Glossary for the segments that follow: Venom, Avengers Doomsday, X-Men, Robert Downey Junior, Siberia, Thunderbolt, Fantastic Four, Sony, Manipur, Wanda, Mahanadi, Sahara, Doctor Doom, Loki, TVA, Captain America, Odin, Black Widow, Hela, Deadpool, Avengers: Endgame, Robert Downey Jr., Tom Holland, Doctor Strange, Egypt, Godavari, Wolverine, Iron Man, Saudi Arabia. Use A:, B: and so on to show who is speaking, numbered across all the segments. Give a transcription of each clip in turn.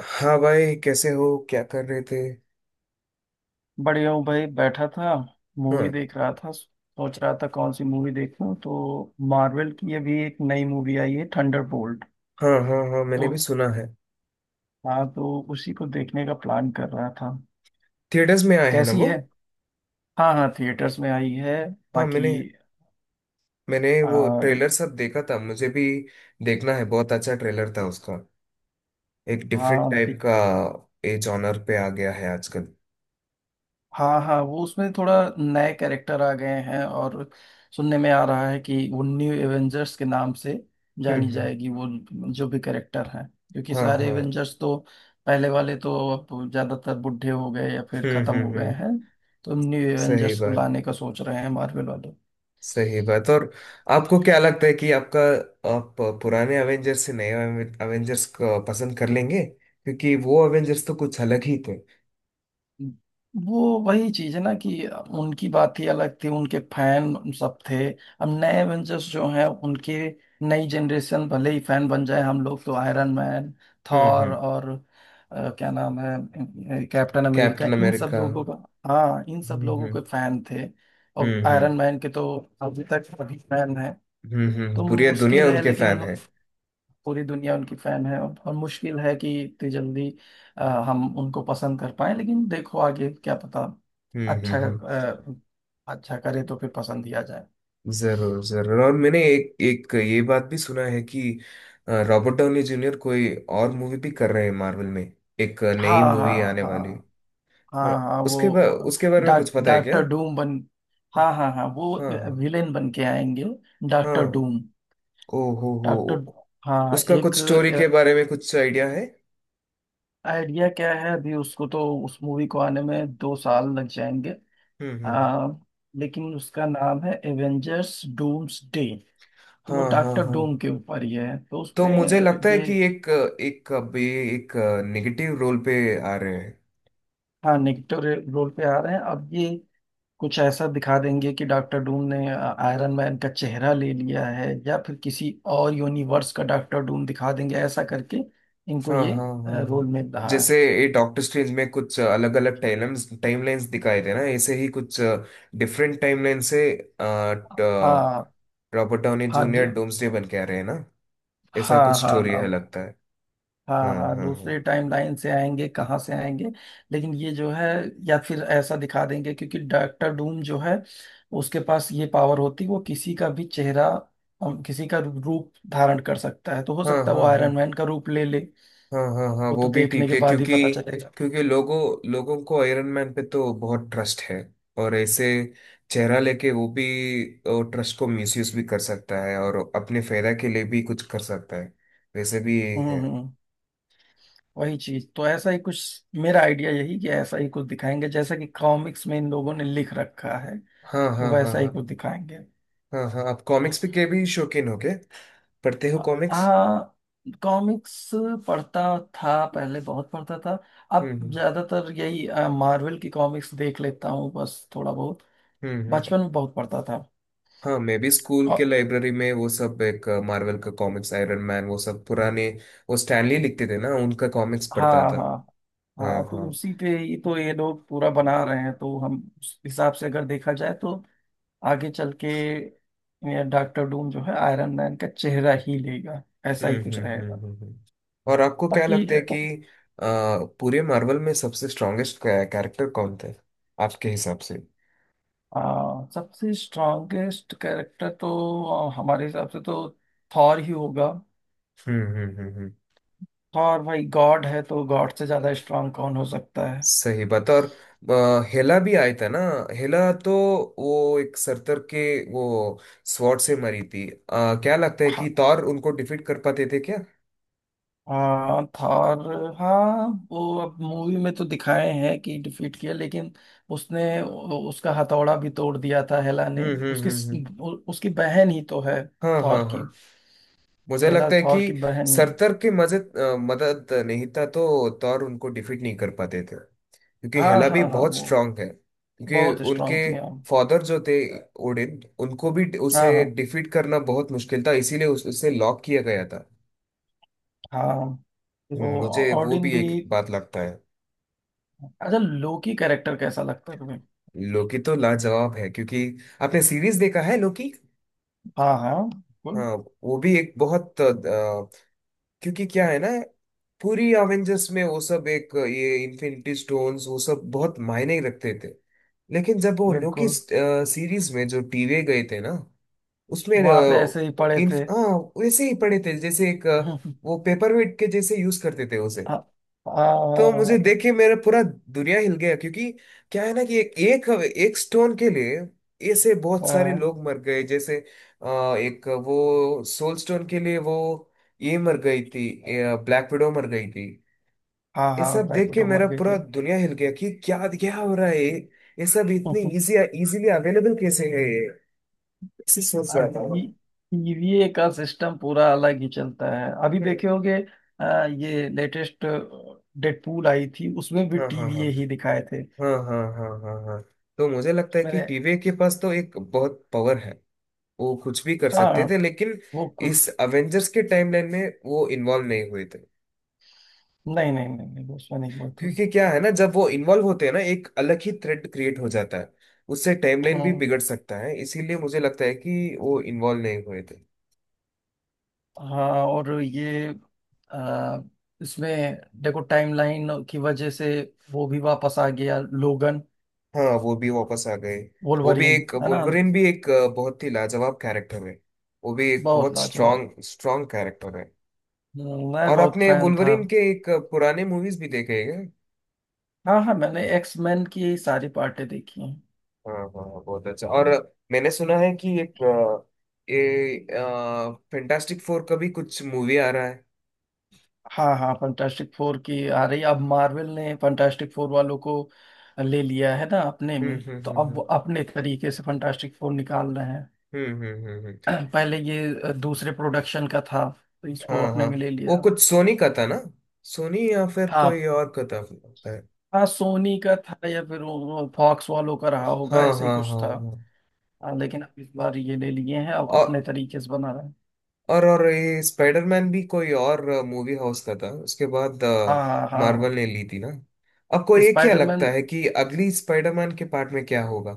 A: हाँ भाई, कैसे हो? क्या कर रहे थे?
B: बढ़िया हूँ भाई, बैठा था। मूवी
A: हाँ,
B: देख रहा था, सोच रहा था कौन सी मूवी देखूं तो मार्वल की अभी एक नई मूवी आई है थंडरबोल्ट।
A: हाँ, हाँ, हाँ,
B: तो
A: मैंने भी सुना है।
B: हाँ, तो उसी को देखने का प्लान कर रहा था।
A: थिएटर्स में आए हैं ना
B: कैसी
A: वो?
B: है? हाँ हाँ, थिएटर्स में आई है।
A: हाँ,
B: बाकी
A: मैंने मैंने वो
B: आ,
A: ट्रेलर सब देखा था। मुझे भी देखना है। बहुत अच्छा ट्रेलर था उसका। एक डिफरेंट
B: हाँ
A: टाइप का ए जॉनर पे आ गया है आजकल।
B: हाँ हाँ, वो उसमें थोड़ा नए कैरेक्टर आ गए हैं और सुनने में आ रहा है कि वो न्यू एवेंजर्स के नाम से
A: हम्म,
B: जानी
A: हम्म।
B: जाएगी, वो जो भी कैरेक्टर हैं। क्योंकि
A: हाँ,
B: सारे
A: हाँ।
B: एवेंजर्स तो पहले वाले तो अब ज्यादातर बूढ़े हो गए या फिर
A: हम्म,
B: खत्म
A: हम्म,
B: हो गए
A: हम्म।
B: हैं, तो न्यू
A: सही
B: एवेंजर्स को
A: बात,
B: लाने का सोच रहे हैं मार्वल वाले।
A: सही बात। और आपको क्या लगता है कि आपका आप पुराने अवेंजर्स से नए अवेंजर्स को पसंद कर लेंगे, क्योंकि वो अवेंजर्स तो कुछ अलग ही थे?
B: वो वही चीज है ना, कि उनकी बात ही अलग थी, उनके फैन सब थे। अब नए एवेंजर्स जो हैं उनके नई जनरेशन भले ही फैन बन जाए, हम लोग तो आयरन मैन,
A: हम्म,
B: थॉर
A: हम्म।
B: और क्या नाम है कैप्टन अमेरिका,
A: कैप्टन
B: इन सब
A: अमेरिका।
B: लोगों का। हाँ, इन सब
A: हम्म,
B: लोगों
A: हम्म,
B: के फैन थे। और
A: हम्म, हम्म।
B: आयरन मैन के तो अभी तक, अभी फैन है। तो
A: पूरी दुनिया
B: मुश्किल है,
A: उनके
B: लेकिन
A: फैन है।
B: पूरी दुनिया उनकी फैन है। और मुश्किल है कि इतनी जल्दी हम उनको पसंद कर पाए, लेकिन देखो आगे क्या पता।
A: हम्म, हम्म,
B: अच्छा,
A: हम्म।
B: अच्छा करे तो फिर पसंद ही आ जाए।
A: जरूर, जरूर। और मैंने एक एक ये बात भी सुना है कि रॉबर्ट डाउनी जूनियर कोई और मूवी भी कर रहे हैं मार्वल में। एक
B: हाँ
A: नई
B: हाँ
A: मूवी आने वाली।
B: हाँ
A: हाँ,
B: हाँ हाँ। वो वो
A: उसके बारे में कुछ पता है क्या?
B: डॉक्टर डूम बन। हाँ हाँ हाँ, वो
A: हाँ, हाँ,
B: विलेन बन के आएंगे। डॉक्टर
A: हाँ।
B: डूम।
A: ओ हो हो।
B: डॉक्टर। हाँ,
A: उसका
B: एक।
A: कुछ स्टोरी के बारे में कुछ आइडिया है?
B: आइडिया क्या है, अभी उसको तो उस मूवी को आने में 2 साल लग जाएंगे।
A: हम्म, हम्म।
B: आ, लेकिन उसका नाम है एवेंजर्स डूम्स डे, तो वो
A: हाँ, हाँ,
B: डॉक्टर
A: हाँ,
B: डूम के ऊपर ही है तो
A: तो
B: उसमें
A: मुझे लगता है
B: ये।
A: कि एक एक अभी एक नेगेटिव रोल पे आ रहे हैं।
B: हाँ नेगेटिव रोल पे आ रहे हैं, अब ये कुछ ऐसा दिखा देंगे कि डॉक्टर डूम ने आयरन मैन का चेहरा ले लिया है या फिर किसी और यूनिवर्स का डॉक्टर डूम दिखा देंगे। ऐसा करके इनको
A: हाँ,
B: ये
A: हाँ, हाँ, हाँ।
B: रोल मिल रहा है।
A: जैसे ये डॉक्टर स्ट्रेंज में कुछ अलग अलग टाइमलाइंस टाइमलाइंस दिखाए थे ना, ऐसे ही कुछ डिफरेंट टाइमलाइन से
B: हाँ
A: रॉबर्ट डाउनी
B: हाँ
A: जूनियर डोम्सडे बन के आ रहे हैं ना। ऐसा
B: हाँ
A: कुछ
B: हाँ
A: स्टोरी
B: हाँ।
A: है, लगता है।
B: हाँ
A: हाँ,
B: हाँ,
A: हाँ, हाँ,
B: दूसरे टाइम लाइन से आएंगे, कहाँ से आएंगे। लेकिन ये जो है, या फिर ऐसा दिखा देंगे, क्योंकि डॉक्टर डूम जो है उसके पास ये पावर होती, वो किसी का भी चेहरा किसी का रूप धारण कर सकता है, तो हो
A: हाँ,
B: सकता है वो
A: हाँ, हाँ,
B: आयरन मैन का रूप ले ले।
A: हाँ, हाँ, हाँ,
B: वो
A: वो
B: तो
A: भी
B: देखने
A: ठीक
B: के
A: है,
B: बाद ही
A: क्योंकि
B: पता चलेगा।
A: क्योंकि लोगों, लोगों को आयरन मैन पे तो बहुत ट्रस्ट है। और ऐसे चेहरा लेके वो भी ट्रस्ट को मिसयूज भी कर सकता है, और अपने फायदा के लिए भी कुछ कर सकता है। वैसे भी ये है।
B: हम्म, वही चीज तो, ऐसा ही कुछ मेरा आइडिया, यही कि ऐसा ही कुछ दिखाएंगे जैसा कि कॉमिक्स में इन लोगों ने लिख रखा है,
A: हाँ,
B: तो
A: हाँ, हाँ,
B: वैसा ही
A: हाँ,
B: कुछ दिखाएंगे।
A: हाँ, हाँ, आप कॉमिक्स भी के भी शौकीन हो क्या? पढ़ते हो कॉमिक्स?
B: हाँ, कॉमिक्स पढ़ता था, पहले बहुत पढ़ता था।
A: हम्म,
B: अब
A: हम्म,
B: ज्यादातर यही मार्वल की कॉमिक्स देख लेता हूँ बस थोड़ा बहुत।
A: हम्म,
B: बचपन में बहुत पढ़ता था।
A: हाँ, मैं भी स्कूल के
B: और
A: लाइब्रेरी में वो सब, एक मार्वल का कॉमिक्स, आयरन मैन, वो सब पुराने, वो स्टैनली लिखते थे ना, उनका कॉमिक्स पढ़ता
B: हाँ
A: था।
B: हाँ
A: हाँ,
B: हाँ, तो
A: हाँ।
B: उसी पे ही तो ये लोग पूरा बना
A: हम्म,
B: रहे हैं, तो हम उस हिसाब से अगर देखा जाए तो आगे चल के डॉक्टर डूम जो है आयरन मैन का चेहरा ही लेगा, ऐसा ही
A: हम्म,
B: कुछ
A: हम्म,
B: रहेगा।
A: और आपको क्या
B: बाकी
A: लगता है कि अ, पूरे मार्वल में सबसे स्ट्रॉन्गेस्ट कैरेक्टर कौन थे आपके हिसाब से?
B: आ, सबसे स्ट्रॉन्गेस्ट कैरेक्टर तो हमारे हिसाब से तो थॉर ही होगा।
A: हम्म, हम्म, हम्म,
B: थॉर भाई गॉड है, तो गॉड से ज्यादा स्ट्रांग कौन हो सकता है?
A: सही बात है। और हेला भी आया था ना? हेला तो वो एक सरतर के वो स्वॉर्ड से मरी थी। क्या लगता है
B: हाँ
A: कि थॉर उनको डिफीट कर पाते थे क्या?
B: हाँ, थॉर, हाँ वो अब मूवी में तो दिखाए हैं कि डिफीट किया, लेकिन उसने उसका हथौड़ा भी तोड़ दिया था हेला ने।
A: हम्म, हम्म,
B: उसकी
A: हम्म,
B: उसकी बहन ही तो है
A: हाँ,
B: थॉर
A: हाँ, हाँ,
B: की।
A: मुझे
B: हेला
A: लगता है कि
B: थॉर की बहन ही है।
A: सरतर के मदद नहीं था तो तौर उनको डिफीट नहीं कर पाते थे, क्योंकि
B: हाँ
A: हेला भी
B: हाँ हाँ,
A: बहुत
B: वो
A: स्ट्रांग है। क्योंकि
B: बहुत
A: उनके
B: स्ट्रांग थी हाँ।
A: फादर जो थे, ओडिन, उनको भी
B: हाँ
A: उसे
B: हाँ
A: डिफीट करना बहुत मुश्किल था, इसीलिए उसे लॉक किया गया था।
B: हाँ, तो
A: मुझे वो
B: ऑडिन
A: भी
B: भी।
A: एक बात लगता है।
B: अच्छा, लोकी कैरेक्टर कैसा लगता है तुम्हें?
A: लोकी तो लाजवाब है, क्योंकि आपने सीरीज देखा है, लोकी?
B: हाँ हाँ बिल्कुल।
A: हाँ, वो भी एक बहुत, क्योंकि क्या है ना, पूरी अवेंजर्स में वो सब, एक ये इन्फिनिटी स्टोन्स वो सब बहुत मायने रखते थे। लेकिन जब वो लोकी
B: बिल्कुल,
A: सीरीज में जो टीवे गए थे ना, उसमें
B: वहां पे ऐसे ही पड़े
A: इन
B: थे।
A: हाँ, वैसे ही पड़े थे जैसे एक वो पेपर वेट के जैसे यूज करते थे उसे।
B: आ, आ,
A: तो मुझे देख के मेरा पूरा दुनिया हिल गया, क्योंकि क्या है ना कि एक एक, एक स्टोन के लिए ऐसे बहुत
B: आ,
A: सारे लोग मर गए। जैसे एक वो सोल स्टोन के लिए वो ये मर गई थी, ब्लैक विडो मर गई थी।
B: हाँ
A: ये
B: हाँ,
A: सब देख
B: बैकवर्ड
A: के
B: मर
A: मेरा
B: गए
A: पूरा
B: थे।
A: दुनिया हिल गया कि क्या क्या हो रहा है ये सब इतनी इजीली अवेलेबल कैसे है ये? ऐसे सोच रहा
B: और
A: था।
B: टीवीए का सिस्टम पूरा अलग ही चलता है, अभी
A: हम्म,
B: देखे होगे। ये लेटेस्ट डेडपूल आई थी उसमें भी
A: हाँ, हाँ, हाँ,
B: टीवीए ही दिखाए थे।
A: हाँ, हाँ, हाँ, हाँ, हाँ, तो मुझे लगता है कि
B: मैंने,
A: टीवी के पास तो एक बहुत पावर है। वो कुछ भी कर सकते
B: हाँ
A: थे, लेकिन
B: वो कुछ,
A: इस अवेंजर्स के टाइमलाइन में वो इन्वॉल्व नहीं हुए थे।
B: नहीं नहीं नहीं, नहीं उसमें नहीं हुआ था।
A: क्योंकि क्या है ना, जब वो इन्वॉल्व होते हैं ना, एक अलग ही थ्रेड क्रिएट हो जाता है, उससे टाइमलाइन भी
B: हाँ।
A: बिगड़ सकता है। इसीलिए मुझे लगता है कि वो इन्वॉल्व नहीं हुए थे।
B: हाँ, और ये आ, इसमें देखो टाइमलाइन की वजह से वो भी वापस आ गया लोगन,
A: हाँ, वो भी वापस आ गए। वो भी
B: वोल्वरीन।
A: एक,
B: है ना,
A: वुल्वरिन भी एक बहुत ही लाजवाब कैरेक्टर है। वो भी एक
B: बहुत
A: बहुत
B: लाजवाब।
A: स्ट्रांग स्ट्रांग कैरेक्टर है।
B: मैं
A: और
B: बहुत
A: आपने
B: फैन था।
A: वुल्वरिन के एक पुराने मूवीज भी देखे हैं क्या?
B: हाँ हाँ, मैंने एक्स मैन की सारी पार्टें देखी हैं।
A: हाँ, हाँ, हाँ, बहुत अच्छा। और मैंने सुना है कि एक ये फैंटास्टिक फोर का भी कुछ मूवी आ रहा है।
B: हाँ हाँ, फंटास्टिक फोर की आ रही, अब मार्वल ने फंटास्टिक फोर वालों को ले लिया है ना अपने
A: हम्म,
B: में,
A: हम्म,
B: तो
A: हम्म,
B: अब
A: हम्म,
B: वो अपने तरीके से फंटास्टिक फोर निकाल रहे हैं।
A: हम्म, हम्म, हम्म।
B: पहले ये दूसरे प्रोडक्शन का था, तो
A: हाँ,
B: इसको अपने
A: हाँ,
B: में ले
A: वो
B: लिया।
A: कुछ सोनी का था ना? सोनी या फिर
B: हाँ
A: कोई और का था, लगता है।
B: हाँ, सोनी का था या फिर फॉक्स वालों का रहा होगा,
A: हाँ,
B: ऐसा ही
A: हाँ, हाँ,
B: कुछ था।
A: हाँ।
B: हाँ, लेकिन अब इस बार ये ले लिए हैं, अब
A: और
B: अपने तरीके से बना रहे हैं।
A: और ये स्पाइडरमैन भी कोई और मूवी हाउस का था, उसके बाद
B: हाँ हाँ।
A: मार्वल ने ली थी ना। आपको ये क्या
B: स्पाइडरमैन,
A: लगता है कि अगली स्पाइडरमैन के पार्ट में क्या होगा?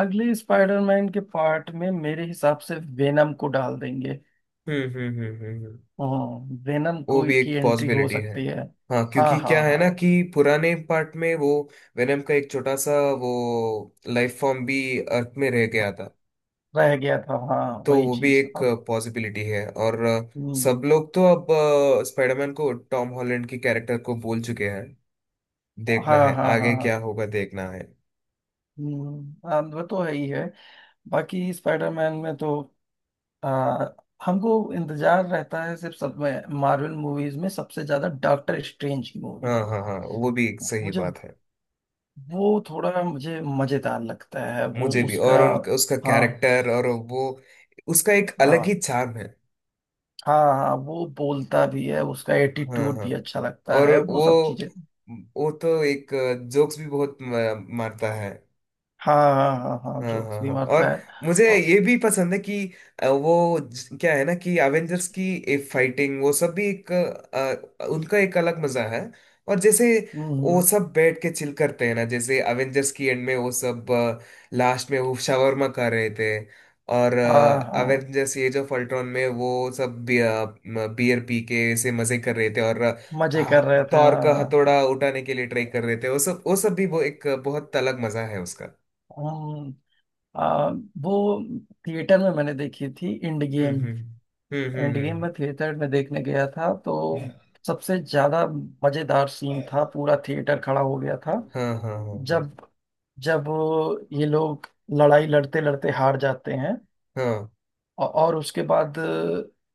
B: अगले स्पाइडरमैन के पार्ट में मेरे हिसाब से वेनम को डाल देंगे।
A: हम्म, हम्म, हम्म, हम्म,
B: हम्म, वेनम
A: वो
B: को
A: भी
B: की
A: एक
B: एंट्री हो
A: पॉसिबिलिटी है।
B: सकती है।
A: हाँ,
B: हाँ
A: क्योंकि
B: हाँ
A: क्या है ना
B: हाँ
A: कि पुराने पार्ट में वो वेनम का एक छोटा सा वो लाइफ फॉर्म भी अर्थ में रह गया
B: हाँ,
A: था।
B: रह गया था हाँ
A: तो
B: वही
A: वो भी
B: चीज
A: एक
B: अब।
A: पॉसिबिलिटी है। और
B: हम्म।
A: सब लोग तो अब स्पाइडरमैन को टॉम हॉलैंड की कैरेक्टर को बोल चुके हैं। देखना
B: हाँ
A: है
B: हाँ हाँ
A: आगे क्या
B: हाँ,
A: होगा, देखना है।
B: हाँ, वो तो है ही है। बाकी स्पाइडरमैन में तो आ, हमको इंतजार रहता है सिर्फ, सब मार्वल मूवीज में सबसे ज्यादा डॉक्टर स्ट्रेंज की मूवी
A: हाँ,
B: का।
A: हाँ, हाँ, वो भी एक सही
B: मुझे
A: बात है।
B: वो थोड़ा, मुझे मजेदार लगता है वो
A: मुझे भी।
B: उसका।
A: और उनका उसका
B: हाँ
A: कैरेक्टर और वो, उसका एक अलग ही
B: हाँ
A: चार्म है।
B: हाँ हाँ, वो बोलता भी है, उसका
A: हाँ,
B: एटीट्यूड
A: हाँ।
B: भी अच्छा लगता
A: और
B: है, वो
A: वो
B: सब चीजें।
A: वो तो एक जोक्स भी बहुत मारता है।
B: हाँ हाँ हाँ हाँ,
A: हाँ,
B: जोक्स
A: हाँ,
B: भी
A: हाँ,
B: मारता
A: और
B: है।
A: मुझे
B: और-
A: ये भी पसंद है कि क्या है ना कि एवेंजर्स की एक फाइटिंग वो सब भी एक उनका एक अलग मजा है। और जैसे
B: हम्म,
A: वो
B: हम्म,
A: सब बैठ के चिल करते हैं ना, जैसे एवेंजर्स की एंड में वो सब, लास्ट में वो शावरमा खा रहे थे। और
B: हाँ हाँ,
A: एवेंजर्स एज ऑफ अल्ट्रॉन में वो सब बियर पी के ऐसे मजे कर रहे थे, और
B: मजे कर रहे थे
A: थॉर
B: हाँ
A: का
B: हाँ।
A: हथौड़ा उठाने के लिए ट्राई कर रहे थे, वो सब भी वो एक बहुत अलग मजा है उसका।
B: हम्म। आ, वो थिएटर में मैंने देखी थी इंड गेम।
A: हम्म, हम्म, हम्म,
B: एंड
A: हम्म,
B: गेम मैं थिएटर में देखने गया था तो
A: हम्म।
B: सबसे ज्यादा मजेदार सीन था, पूरा थिएटर खड़ा हो गया था।
A: हाँ, हाँ, हाँ,
B: जब जब ये लोग लड़ाई लड़ते लड़ते हार जाते हैं,
A: हाँ,
B: और उसके बाद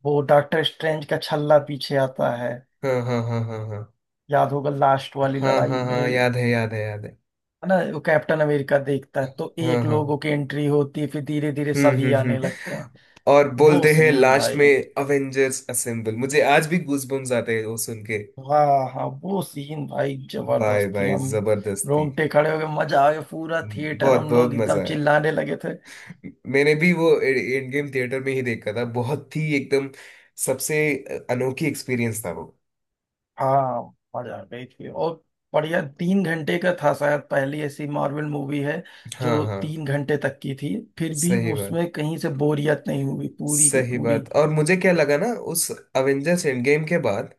B: वो डॉक्टर स्ट्रेंज का छल्ला पीछे आता है।
A: हाँ, हाँ, हाँ, हाँ, हाँ, हाँ,
B: याद होगा लास्ट वाली
A: हाँ, हाँ,
B: लड़ाई
A: हाँ, हाँ,
B: में,
A: याद है, याद है, याद है।
B: है ना, वो कैप्टन अमेरिका देखता है तो
A: हाँ,
B: एक
A: हाँ।
B: लोगों की एंट्री होती है, फिर धीरे धीरे
A: हम्म,
B: सभी
A: हम्म,
B: आने
A: हम्म,
B: लगते हैं।
A: और
B: वो
A: बोलते हैं
B: सीन
A: लास्ट
B: भाई,
A: में अवेंजर्स असेंबल, मुझे आज भी गूजबम्स आते हैं वो सुन के।
B: वाह हाँ, वो सीन भाई
A: बाय
B: जबरदस्त थी।
A: बाय
B: हम
A: जबरदस्ती।
B: रोंगटे खड़े हो गए, मजा आ गया, पूरा थिएटर
A: बहुत
B: हम
A: बहुत
B: लोग
A: मजा
B: एकदम
A: आया।
B: चिल्लाने लगे थे।
A: मैंने भी वो एंड गेम थिएटर में ही देखा था, बहुत ही एकदम सबसे अनोखी एक्सपीरियंस था वो।
B: हाँ, मजा आ गई थी और बढ़िया। 3 घंटे का था, शायद पहली ऐसी मार्वल मूवी है
A: हाँ,
B: जो
A: हाँ,
B: 3 घंटे तक की थी, फिर भी
A: सही
B: वो
A: बात,
B: उसमें कहीं से बोरियत नहीं हुई पूरी की
A: सही
B: पूरी।
A: बात। और मुझे क्या लगा ना, उस अवेंजर्स एंड गेम के बाद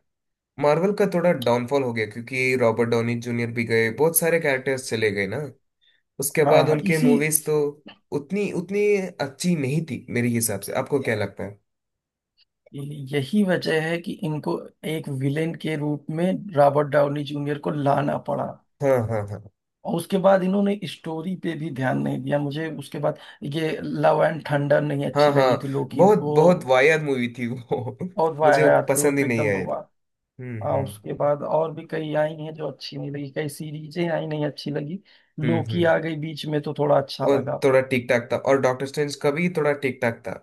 A: मार्वल का थोड़ा डाउनफॉल हो गया, क्योंकि रॉबर्ट डॉनी जूनियर भी गए, बहुत सारे कैरेक्टर्स चले गए ना। उसके
B: हाँ
A: बाद
B: हाँ
A: उनके
B: इसी
A: मूवीज तो उतनी उतनी अच्छी नहीं थी मेरे हिसाब से। आपको क्या लगता है?
B: यही वजह है कि इनको एक विलेन के रूप में रॉबर्ट डाउनी जूनियर को लाना पड़ा।
A: हाँ, हाँ, हाँ,
B: और उसके बाद इन्होंने स्टोरी पे भी ध्यान नहीं दिया। मुझे उसके बाद ये लव एंड थंडर नहीं
A: हाँ,
B: अच्छी लगी
A: हाँ,
B: थी, लोकी
A: बहुत
B: वो।
A: बहुत वाहियात मूवी थी वो
B: और
A: मुझे
B: वाहियात थी, वो
A: पसंद ही
B: तो
A: नहीं
B: एकदम
A: आया था।
B: बवा।
A: हम्म, हम्म,
B: उसके बाद और भी कई आई हैं जो अच्छी नहीं लगी, कई सीरीजें आई नहीं अच्छी लगी।
A: हम्म,
B: लोकी
A: हम्म,
B: आ गई बीच में तो थोड़ा अच्छा
A: और
B: लगा।
A: थोड़ा ठीक ठाक था, और डॉक्टर स्ट्रेंज का भी थोड़ा ठीक ठाक था।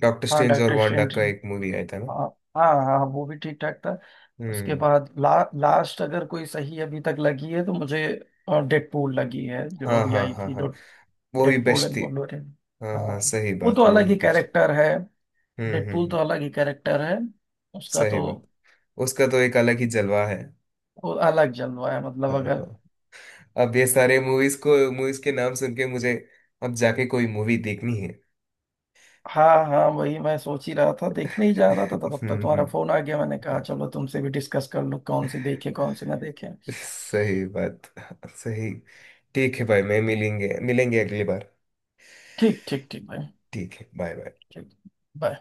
A: डॉक्टर
B: हाँ
A: स्ट्रेंज और
B: डॉक्टर
A: वांडा
B: स्ट्रेंज,
A: का एक मूवी आया था ना?
B: हाँ हाँ हाँ वो भी ठीक ठाक था। उसके
A: हम्म,
B: बाद लास्ट अगर कोई सही अभी तक लगी है तो मुझे डेडपूल लगी है जो
A: हाँ,
B: अभी
A: हाँ,
B: आई
A: हाँ,
B: थी,
A: हाँ, वो ही
B: डेडपूल
A: बेस्ट
B: एंड
A: थी।
B: वोल्वरिन।
A: हाँ,
B: हाँ,
A: हाँ, सही
B: वो तो
A: बात, वो
B: अलग
A: ही
B: ही
A: बेस्ट थी।
B: कैरेक्टर है,
A: हम्म, हम्म,
B: डेडपूल तो अलग ही कैरेक्टर है उसका
A: सही
B: तो।
A: बात। उसका तो एक अलग ही जलवा है।
B: वो अलग जलवा है, मतलब
A: हाँ,
B: अगर।
A: हाँ, अब ये सारे मूवीज के नाम सुन के मुझे अब जाके कोई मूवी देखनी है।
B: हाँ हाँ, वही मैं सोच ही रहा था, देखने ही जा रहा था तो तब तक
A: हम्म,
B: तुम्हारा
A: हम्म,
B: फोन आ गया। मैंने कहा चलो तुमसे भी डिस्कस कर लूँ, कौन सी देखे कौन सी ना देखे।
A: सही बात, सही। ठीक है भाई, मैं मिलेंगे मिलेंगे अगली बार।
B: ठीक ठीक ठीक भाई।
A: ठीक है, बाय बाय।
B: ठीक। बाय।